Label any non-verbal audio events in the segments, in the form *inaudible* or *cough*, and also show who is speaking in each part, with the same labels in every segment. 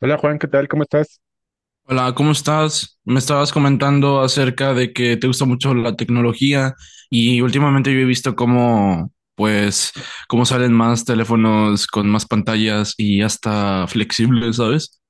Speaker 1: Hola Juan, ¿qué tal? ¿Cómo estás?
Speaker 2: Hola, ¿cómo estás? Me estabas comentando acerca de que te gusta mucho la tecnología y últimamente yo he visto cómo, pues, cómo salen más teléfonos con más pantallas y hasta flexibles, ¿sabes?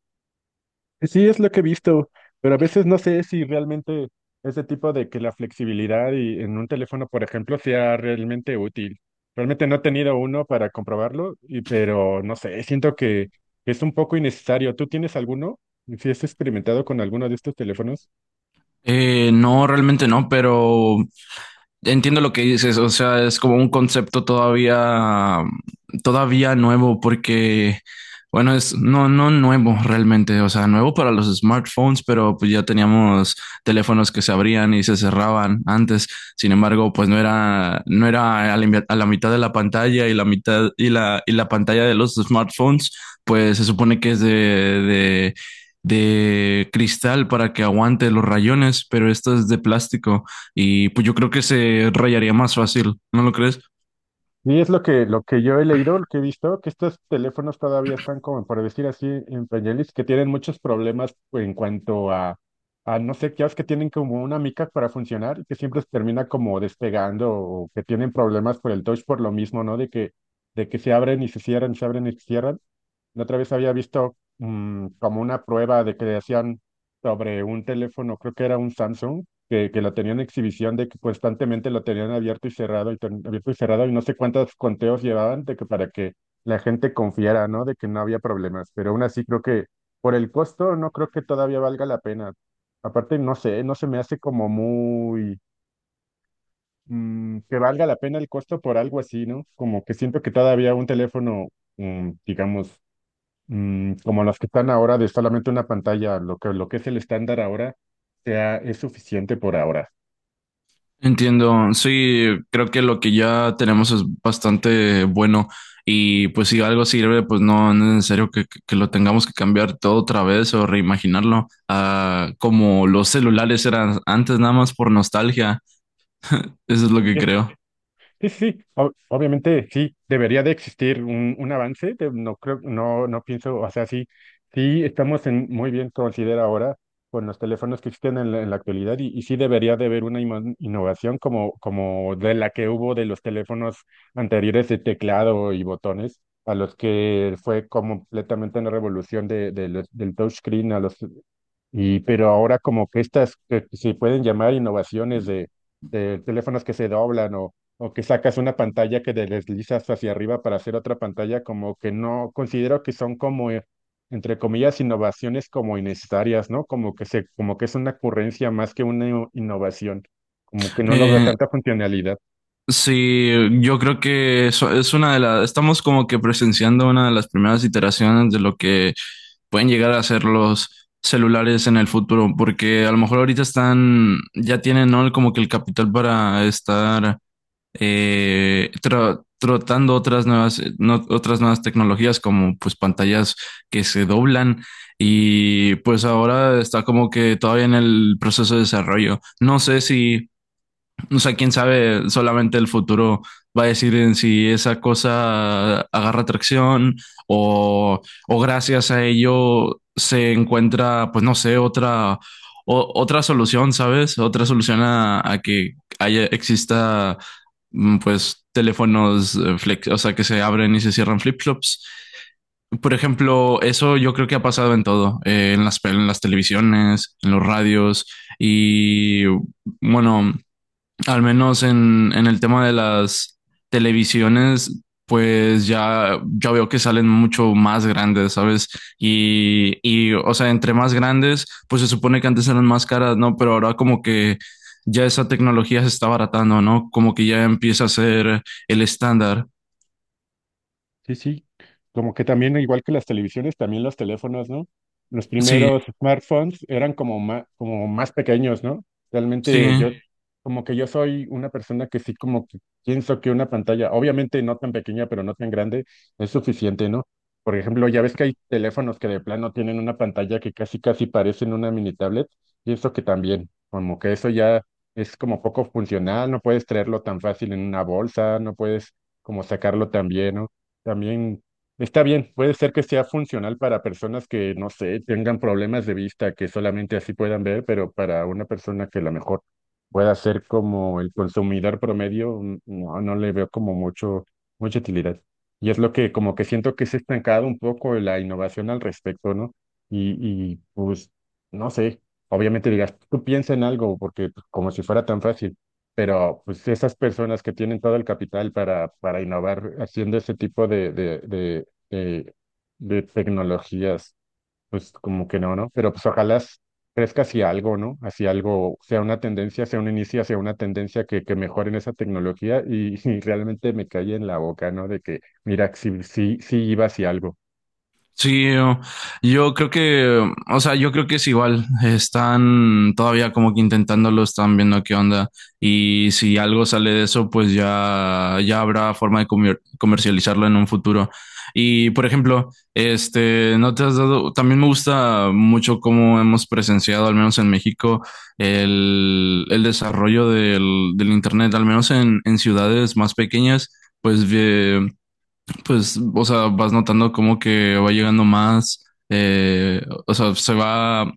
Speaker 1: Sí, es lo que he visto, pero a veces no sé si realmente ese tipo de que la flexibilidad y en un teléfono, por ejemplo, sea realmente útil. Realmente no he tenido uno para comprobarlo, y, pero no sé, siento que es un poco innecesario. ¿Tú tienes alguno? ¿Si has experimentado con alguno de estos teléfonos?
Speaker 2: No, realmente no, pero entiendo lo que dices, o sea, es como un concepto todavía, todavía nuevo, porque, bueno, es no, no nuevo realmente, o sea, nuevo para los smartphones, pero pues ya teníamos teléfonos que se abrían y se cerraban antes. Sin embargo, pues no era a la, a la mitad de la pantalla y la mitad y la pantalla de los smartphones, pues se supone que es de cristal para que aguante los rayones, pero esto es de plástico. Y pues yo creo que se rayaría más fácil, ¿no lo crees?
Speaker 1: Y es lo que yo he leído, lo que he visto, que estos teléfonos todavía están como, por decir así, en pañales, que tienen muchos problemas en cuanto a no sé, qué que tienen como una mica para funcionar y que siempre se termina como despegando o que tienen problemas por el touch por lo mismo, ¿no? De que se abren y se cierran, se abren y se cierran. La otra vez había visto como una prueba de que hacían sobre un teléfono, creo que era un Samsung que lo tenían en exhibición, de que constantemente lo tenían abierto y cerrado, y abierto y cerrado, y no sé cuántos conteos llevaban de que para que la gente confiara, ¿no? De que no había problemas. Pero aún así creo que por el costo no creo que todavía valga la pena. Aparte, no sé, no se me hace como muy que valga la pena el costo por algo así, ¿no? Como que siento que todavía un teléfono, digamos, como los que están ahora, de solamente una pantalla, lo que es el estándar ahora, sea, es suficiente por ahora.
Speaker 2: Entiendo, sí, creo que lo que ya tenemos es bastante bueno y pues si algo sirve, pues no, no es necesario que lo tengamos que cambiar todo otra vez o reimaginarlo, ah, como los celulares eran antes nada más por nostalgia, eso es lo que creo.
Speaker 1: Sí, sí, sí. Obviamente sí, debería de existir un avance, no creo, no pienso, o sea, sí, sí estamos en, muy bien considera ahora con los teléfonos que existen en la actualidad y sí debería de haber una innovación como, como de la que hubo de los teléfonos anteriores de teclado y botones, a los que fue completamente una revolución de del touchscreen a los y, pero ahora como que estas que se pueden llamar innovaciones de teléfonos que se doblan o que sacas una pantalla que te deslizas hacia arriba para hacer otra pantalla, como que no considero que son como, entre comillas, innovaciones como innecesarias, ¿no? Como que se, como que es una ocurrencia más que una innovación, como que no lo veo
Speaker 2: Eh,
Speaker 1: tanta funcionalidad.
Speaker 2: Sí, yo creo que eso es una de las, estamos como que presenciando una de las primeras iteraciones de lo que pueden llegar a ser los celulares en el futuro, porque a lo mejor ahorita están, ya tienen, ¿no? Como que el capital para estar tratando otras nuevas, otras nuevas tecnologías como pues pantallas que se doblan y pues ahora está como que todavía en el proceso de desarrollo. No sé si, o sea, quién sabe, solamente el futuro va a decir en si esa cosa agarra atracción o, o gracias a ello se encuentra, pues no sé, otra, otra solución, ¿sabes? Otra solución a que haya, exista, pues, teléfonos flex, o sea, que se abren y se cierran flip-flops. Por ejemplo, eso yo creo que ha pasado en todo, en las, en las televisiones, en los radios y bueno, al menos en el tema de las televisiones, pues ya, ya veo que salen mucho más grandes, ¿sabes? Y, o sea, entre más grandes, pues se supone que antes eran más caras, ¿no? Pero ahora como que ya esa tecnología se está abaratando, ¿no? Como que ya empieza a ser el estándar.
Speaker 1: Sí, sí, como que también, igual que las televisiones, también los teléfonos, ¿no? Los
Speaker 2: Sí,
Speaker 1: primeros smartphones eran como más pequeños, ¿no? Realmente yo,
Speaker 2: sí.
Speaker 1: como que yo soy una persona que sí, como que pienso que una pantalla, obviamente no tan pequeña, pero no tan grande, es suficiente, ¿no? Por ejemplo, ya ves que hay teléfonos que de plano tienen una pantalla que casi, casi parecen una mini tablet, y eso que también, como que eso ya es como poco funcional, no puedes traerlo tan fácil en una bolsa, no puedes como sacarlo tan bien, ¿no? También está bien, puede ser que sea funcional para personas que, no sé, tengan problemas de vista, que solamente así puedan ver, pero para una persona que a lo mejor pueda ser como el consumidor promedio, no, no le veo como mucho, mucha utilidad. Y es lo que como que siento que se ha estancado un poco la innovación al respecto, ¿no? Y, y pues, no sé, obviamente digas, tú piensa en algo, porque pues, como si fuera tan fácil. Pero pues esas personas que tienen todo el capital para innovar haciendo ese tipo de tecnologías, pues como que no, ¿no? Pero pues ojalá crezca hacia algo, ¿no? Hacia algo, sea una tendencia, sea un inicio, hacia una tendencia que mejoren esa tecnología y, *laughs* y realmente me caí en la boca, ¿no? De que, mira, sí, sí, sí iba hacia algo.
Speaker 2: Sí, yo creo que, o sea, yo creo que es igual. Están todavía como que intentándolo, están viendo qué onda. Y si algo sale de eso, pues ya, ya habrá forma de comercializarlo en un futuro. Y por ejemplo, este, no te has dado, también me gusta mucho cómo hemos presenciado, al menos en México, el desarrollo del Internet, al menos en ciudades más pequeñas, pues pues, o sea, vas notando como que va llegando más, o sea, se va, va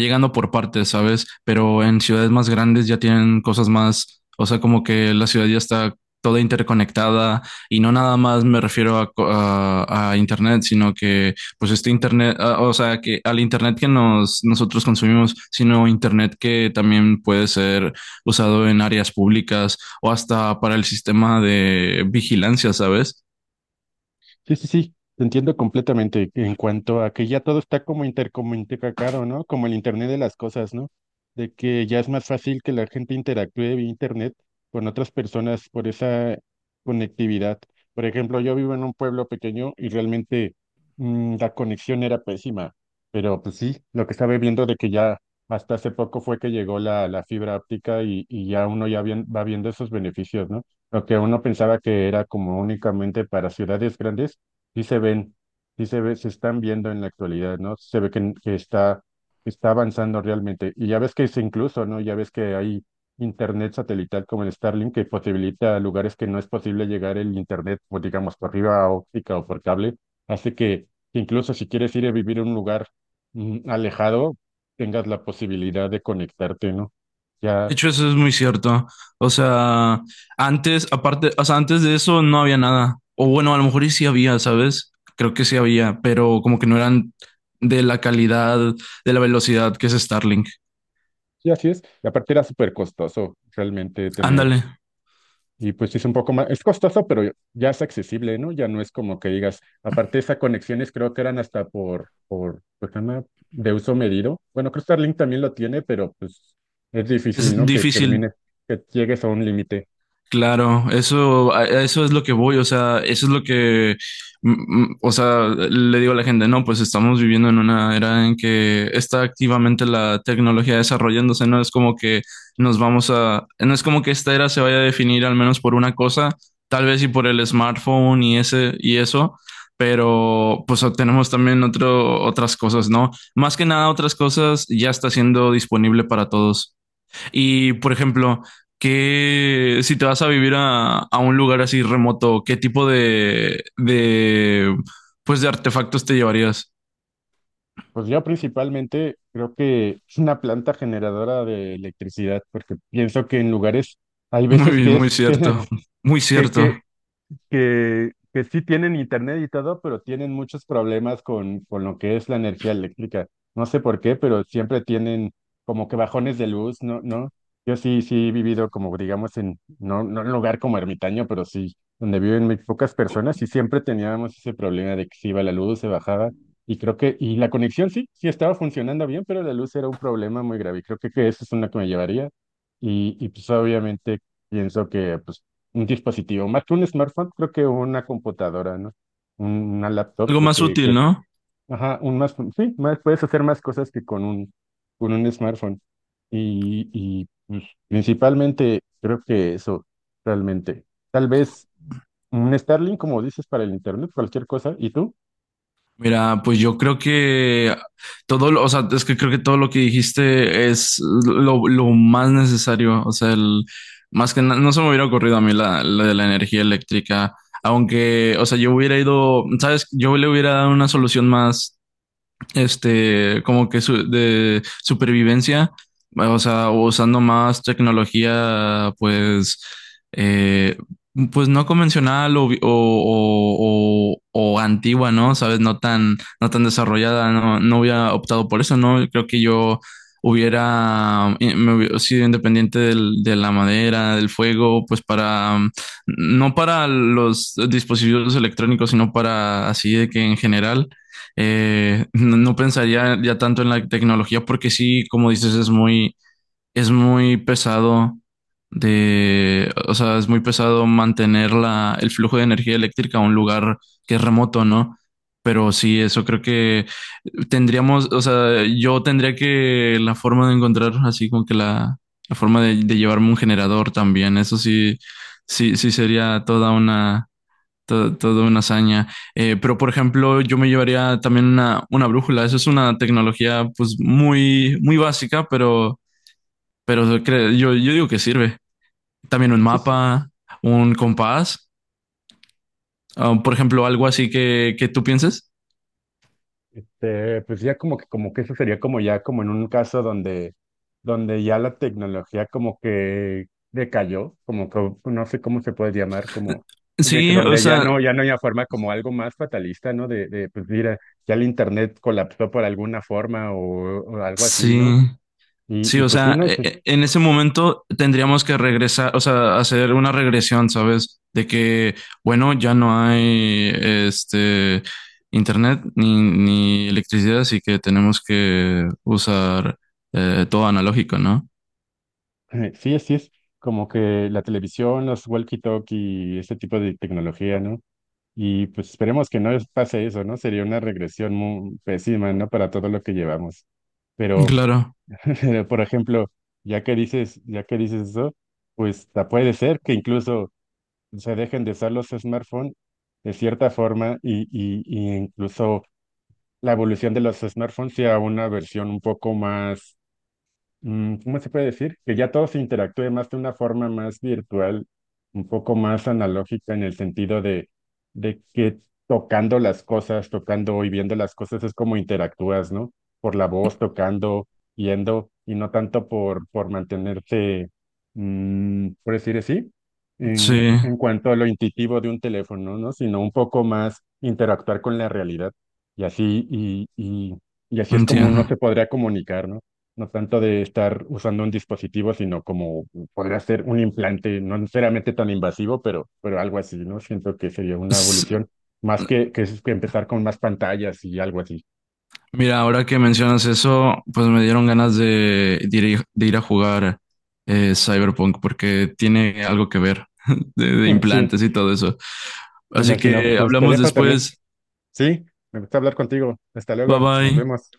Speaker 2: llegando por partes, ¿sabes? Pero en ciudades más grandes ya tienen cosas más, o sea, como que la ciudad ya está toda interconectada y no nada más me refiero a, a internet, sino que pues este internet, o sea, que al internet que nos, nosotros consumimos, sino internet que también puede ser usado en áreas públicas o hasta para el sistema de vigilancia, ¿sabes?
Speaker 1: Sí, sí, sí, te entiendo completamente en cuanto a que ya todo está como intercomunicado, ¿no? Como el Internet de las cosas, ¿no? De que ya es más fácil que la gente interactúe vía Internet con otras personas por esa conectividad. Por ejemplo, yo vivo en un pueblo pequeño y realmente la conexión era pésima, pero pues sí, lo que estaba viendo de que ya hasta hace poco fue que llegó la, la fibra óptica y ya uno ya va viendo esos beneficios, ¿no? Lo que uno pensaba que era como únicamente para ciudades grandes, sí se ven, sí se ve, se están viendo en la actualidad, ¿no? Se ve que está, está avanzando realmente. Y ya ves que es incluso, ¿no? Ya ves que hay internet satelital como el Starlink que posibilita lugares que no es posible llegar el internet, o digamos, por arriba óptica o por cable. Hace que incluso si quieres ir a vivir a un lugar alejado, tengas la posibilidad de conectarte, ¿no?
Speaker 2: De
Speaker 1: Ya.
Speaker 2: hecho, eso es muy cierto. O sea, antes, aparte, o sea, antes de eso no había nada. O bueno, a lo mejor y sí había, ¿sabes? Creo que sí había, pero como que no eran de la calidad, de la velocidad que es Starlink.
Speaker 1: Sí, así es. Y aparte era súper costoso realmente tener,
Speaker 2: Ándale,
Speaker 1: y pues sí es un poco más, es costoso, pero ya es accesible, ¿no? Ya no es como que digas, aparte esas conexiones creo que eran hasta por, pues se llama de uso medido. Bueno, creo que Starlink también lo tiene, pero pues es difícil,
Speaker 2: es
Speaker 1: ¿no? Que termine,
Speaker 2: difícil.
Speaker 1: que llegues a un límite.
Speaker 2: Claro, eso, a eso es lo que voy, o sea, eso es lo que, o sea, le digo a la gente, no, pues estamos viviendo en una era en que está activamente la tecnología desarrollándose, no es como que nos vamos a, no es como que esta era se vaya a definir al menos por una cosa, tal vez y por el smartphone y ese y eso, pero pues tenemos también otro, otras cosas, ¿no? Más que nada otras cosas ya está siendo disponible para todos. Y, por ejemplo, que si te vas a vivir a un lugar así remoto, ¿qué tipo de, pues de artefactos te llevarías?
Speaker 1: Pues yo principalmente creo que es una planta generadora de electricidad, porque pienso que en lugares, hay
Speaker 2: *laughs*
Speaker 1: veces
Speaker 2: Muy,
Speaker 1: que
Speaker 2: muy
Speaker 1: es,
Speaker 2: cierto,
Speaker 1: *laughs*
Speaker 2: muy cierto.
Speaker 1: que, que sí tienen internet y todo, pero tienen muchos problemas con lo que es la energía eléctrica. No sé por qué, pero siempre tienen como que bajones de luz, ¿no? ¿No? Yo sí, sí he vivido como, digamos, en, no, no en un lugar como ermitaño, pero sí, donde viven muy pocas personas y siempre teníamos ese problema de que se iba la luz, se bajaba y creo que, y la conexión sí, sí estaba funcionando bien, pero la luz era un problema muy grave y creo que eso es una que me llevaría y pues obviamente pienso que pues un dispositivo, más que un smartphone, creo que una computadora, ¿no? Un- Una laptop,
Speaker 2: Algo
Speaker 1: creo
Speaker 2: más
Speaker 1: que,
Speaker 2: útil,
Speaker 1: que-
Speaker 2: ¿no?
Speaker 1: Ajá, un más, sí, más, puedes hacer más cosas que con un smartphone. Y pues, principalmente creo que eso, realmente. Tal vez un Starlink, como dices, para el internet, cualquier cosa. ¿Y tú?
Speaker 2: Mira, pues yo creo que todo, o sea, es que creo que todo lo que dijiste es lo más necesario. O sea, el, más que no se me hubiera ocurrido a mí la, la de la energía eléctrica, aunque, o sea, yo hubiera ido, sabes, yo le hubiera dado una solución más este, como que de supervivencia, o sea, usando más tecnología, pues, eh, pues no convencional o, o antigua, ¿no? ¿Sabes? No tan, no tan desarrollada, no, no hubiera optado por eso, ¿no? Creo que yo hubiera, me hubiera sido independiente de la madera, del fuego, pues para, no para los dispositivos electrónicos, sino para así de que en general no, no pensaría ya tanto en la tecnología porque sí, como dices, es muy pesado de, o sea, es muy pesado mantener la, el flujo de energía eléctrica a un lugar que es remoto, ¿no? Pero sí, eso creo que tendríamos, o sea, yo tendría que la forma de encontrar así como que la forma de llevarme un generador también, eso sí, sí, sí sería toda una todo, todo una hazaña. Pero, por ejemplo, yo me llevaría también una brújula. Eso es una tecnología, pues, muy, muy básica, pero, yo, yo digo que sirve. También un
Speaker 1: Sí.
Speaker 2: mapa, un compás, ah, por ejemplo, algo así que tú pienses.
Speaker 1: Pues ya como que eso sería como ya como en un caso donde, donde ya la tecnología como que decayó, como que no sé cómo se puede llamar, como de que
Speaker 2: Sí, o
Speaker 1: donde ya
Speaker 2: sea,
Speaker 1: no, ya no hay una forma como algo más fatalista, ¿no? De pues mira, ya el internet colapsó por alguna forma o algo así, ¿no?
Speaker 2: sí. Sí,
Speaker 1: Y
Speaker 2: o
Speaker 1: pues sí,
Speaker 2: sea,
Speaker 1: no, sí,
Speaker 2: en ese momento tendríamos que regresar, o sea, hacer una regresión, ¿sabes? De que, bueno, ya no hay este internet ni, ni electricidad, así que tenemos que usar todo analógico, ¿no?
Speaker 1: *clears throat* *laughs* sí es como que la televisión, los walkie-talkie, ese tipo de tecnología, ¿no? Y pues esperemos que no pase eso, ¿no? Sería una regresión muy pésima, ¿no? Para todo lo que llevamos. Pero,
Speaker 2: Claro,
Speaker 1: *laughs* por ejemplo, ya que dices eso, pues puede ser que incluso se dejen de usar los smartphones de cierta forma y incluso la evolución de los smartphones sea una versión un poco más ¿cómo se puede decir? Que ya todo se interactúe más de una forma más virtual, un poco más analógica en el sentido de que tocando las cosas, tocando y viendo las cosas es como interactúas, ¿no? Por la voz, tocando, yendo, y no tanto por mantenerse, por decir así,
Speaker 2: sí,
Speaker 1: en cuanto a lo intuitivo de un teléfono, ¿no? Sino un poco más interactuar con la realidad. Y así, y, y, y así es como uno se
Speaker 2: entiendo.
Speaker 1: podría comunicar, ¿no? No tanto de estar usando un dispositivo, sino como podría ser un implante, no necesariamente tan invasivo, pero algo así, ¿no? Siento que sería una evolución, más que empezar con más pantallas y algo así.
Speaker 2: Mira, ahora que mencionas eso, pues me dieron ganas de ir a jugar Cyberpunk porque tiene algo que ver *laughs* de
Speaker 1: *laughs* Sí,
Speaker 2: implantes y todo eso.
Speaker 1: me
Speaker 2: Así
Speaker 1: imagino.
Speaker 2: que
Speaker 1: Pues te
Speaker 2: hablamos
Speaker 1: dejo también.
Speaker 2: después.
Speaker 1: Sí, me gusta hablar contigo. Hasta
Speaker 2: Bye
Speaker 1: luego, nos
Speaker 2: bye.
Speaker 1: vemos.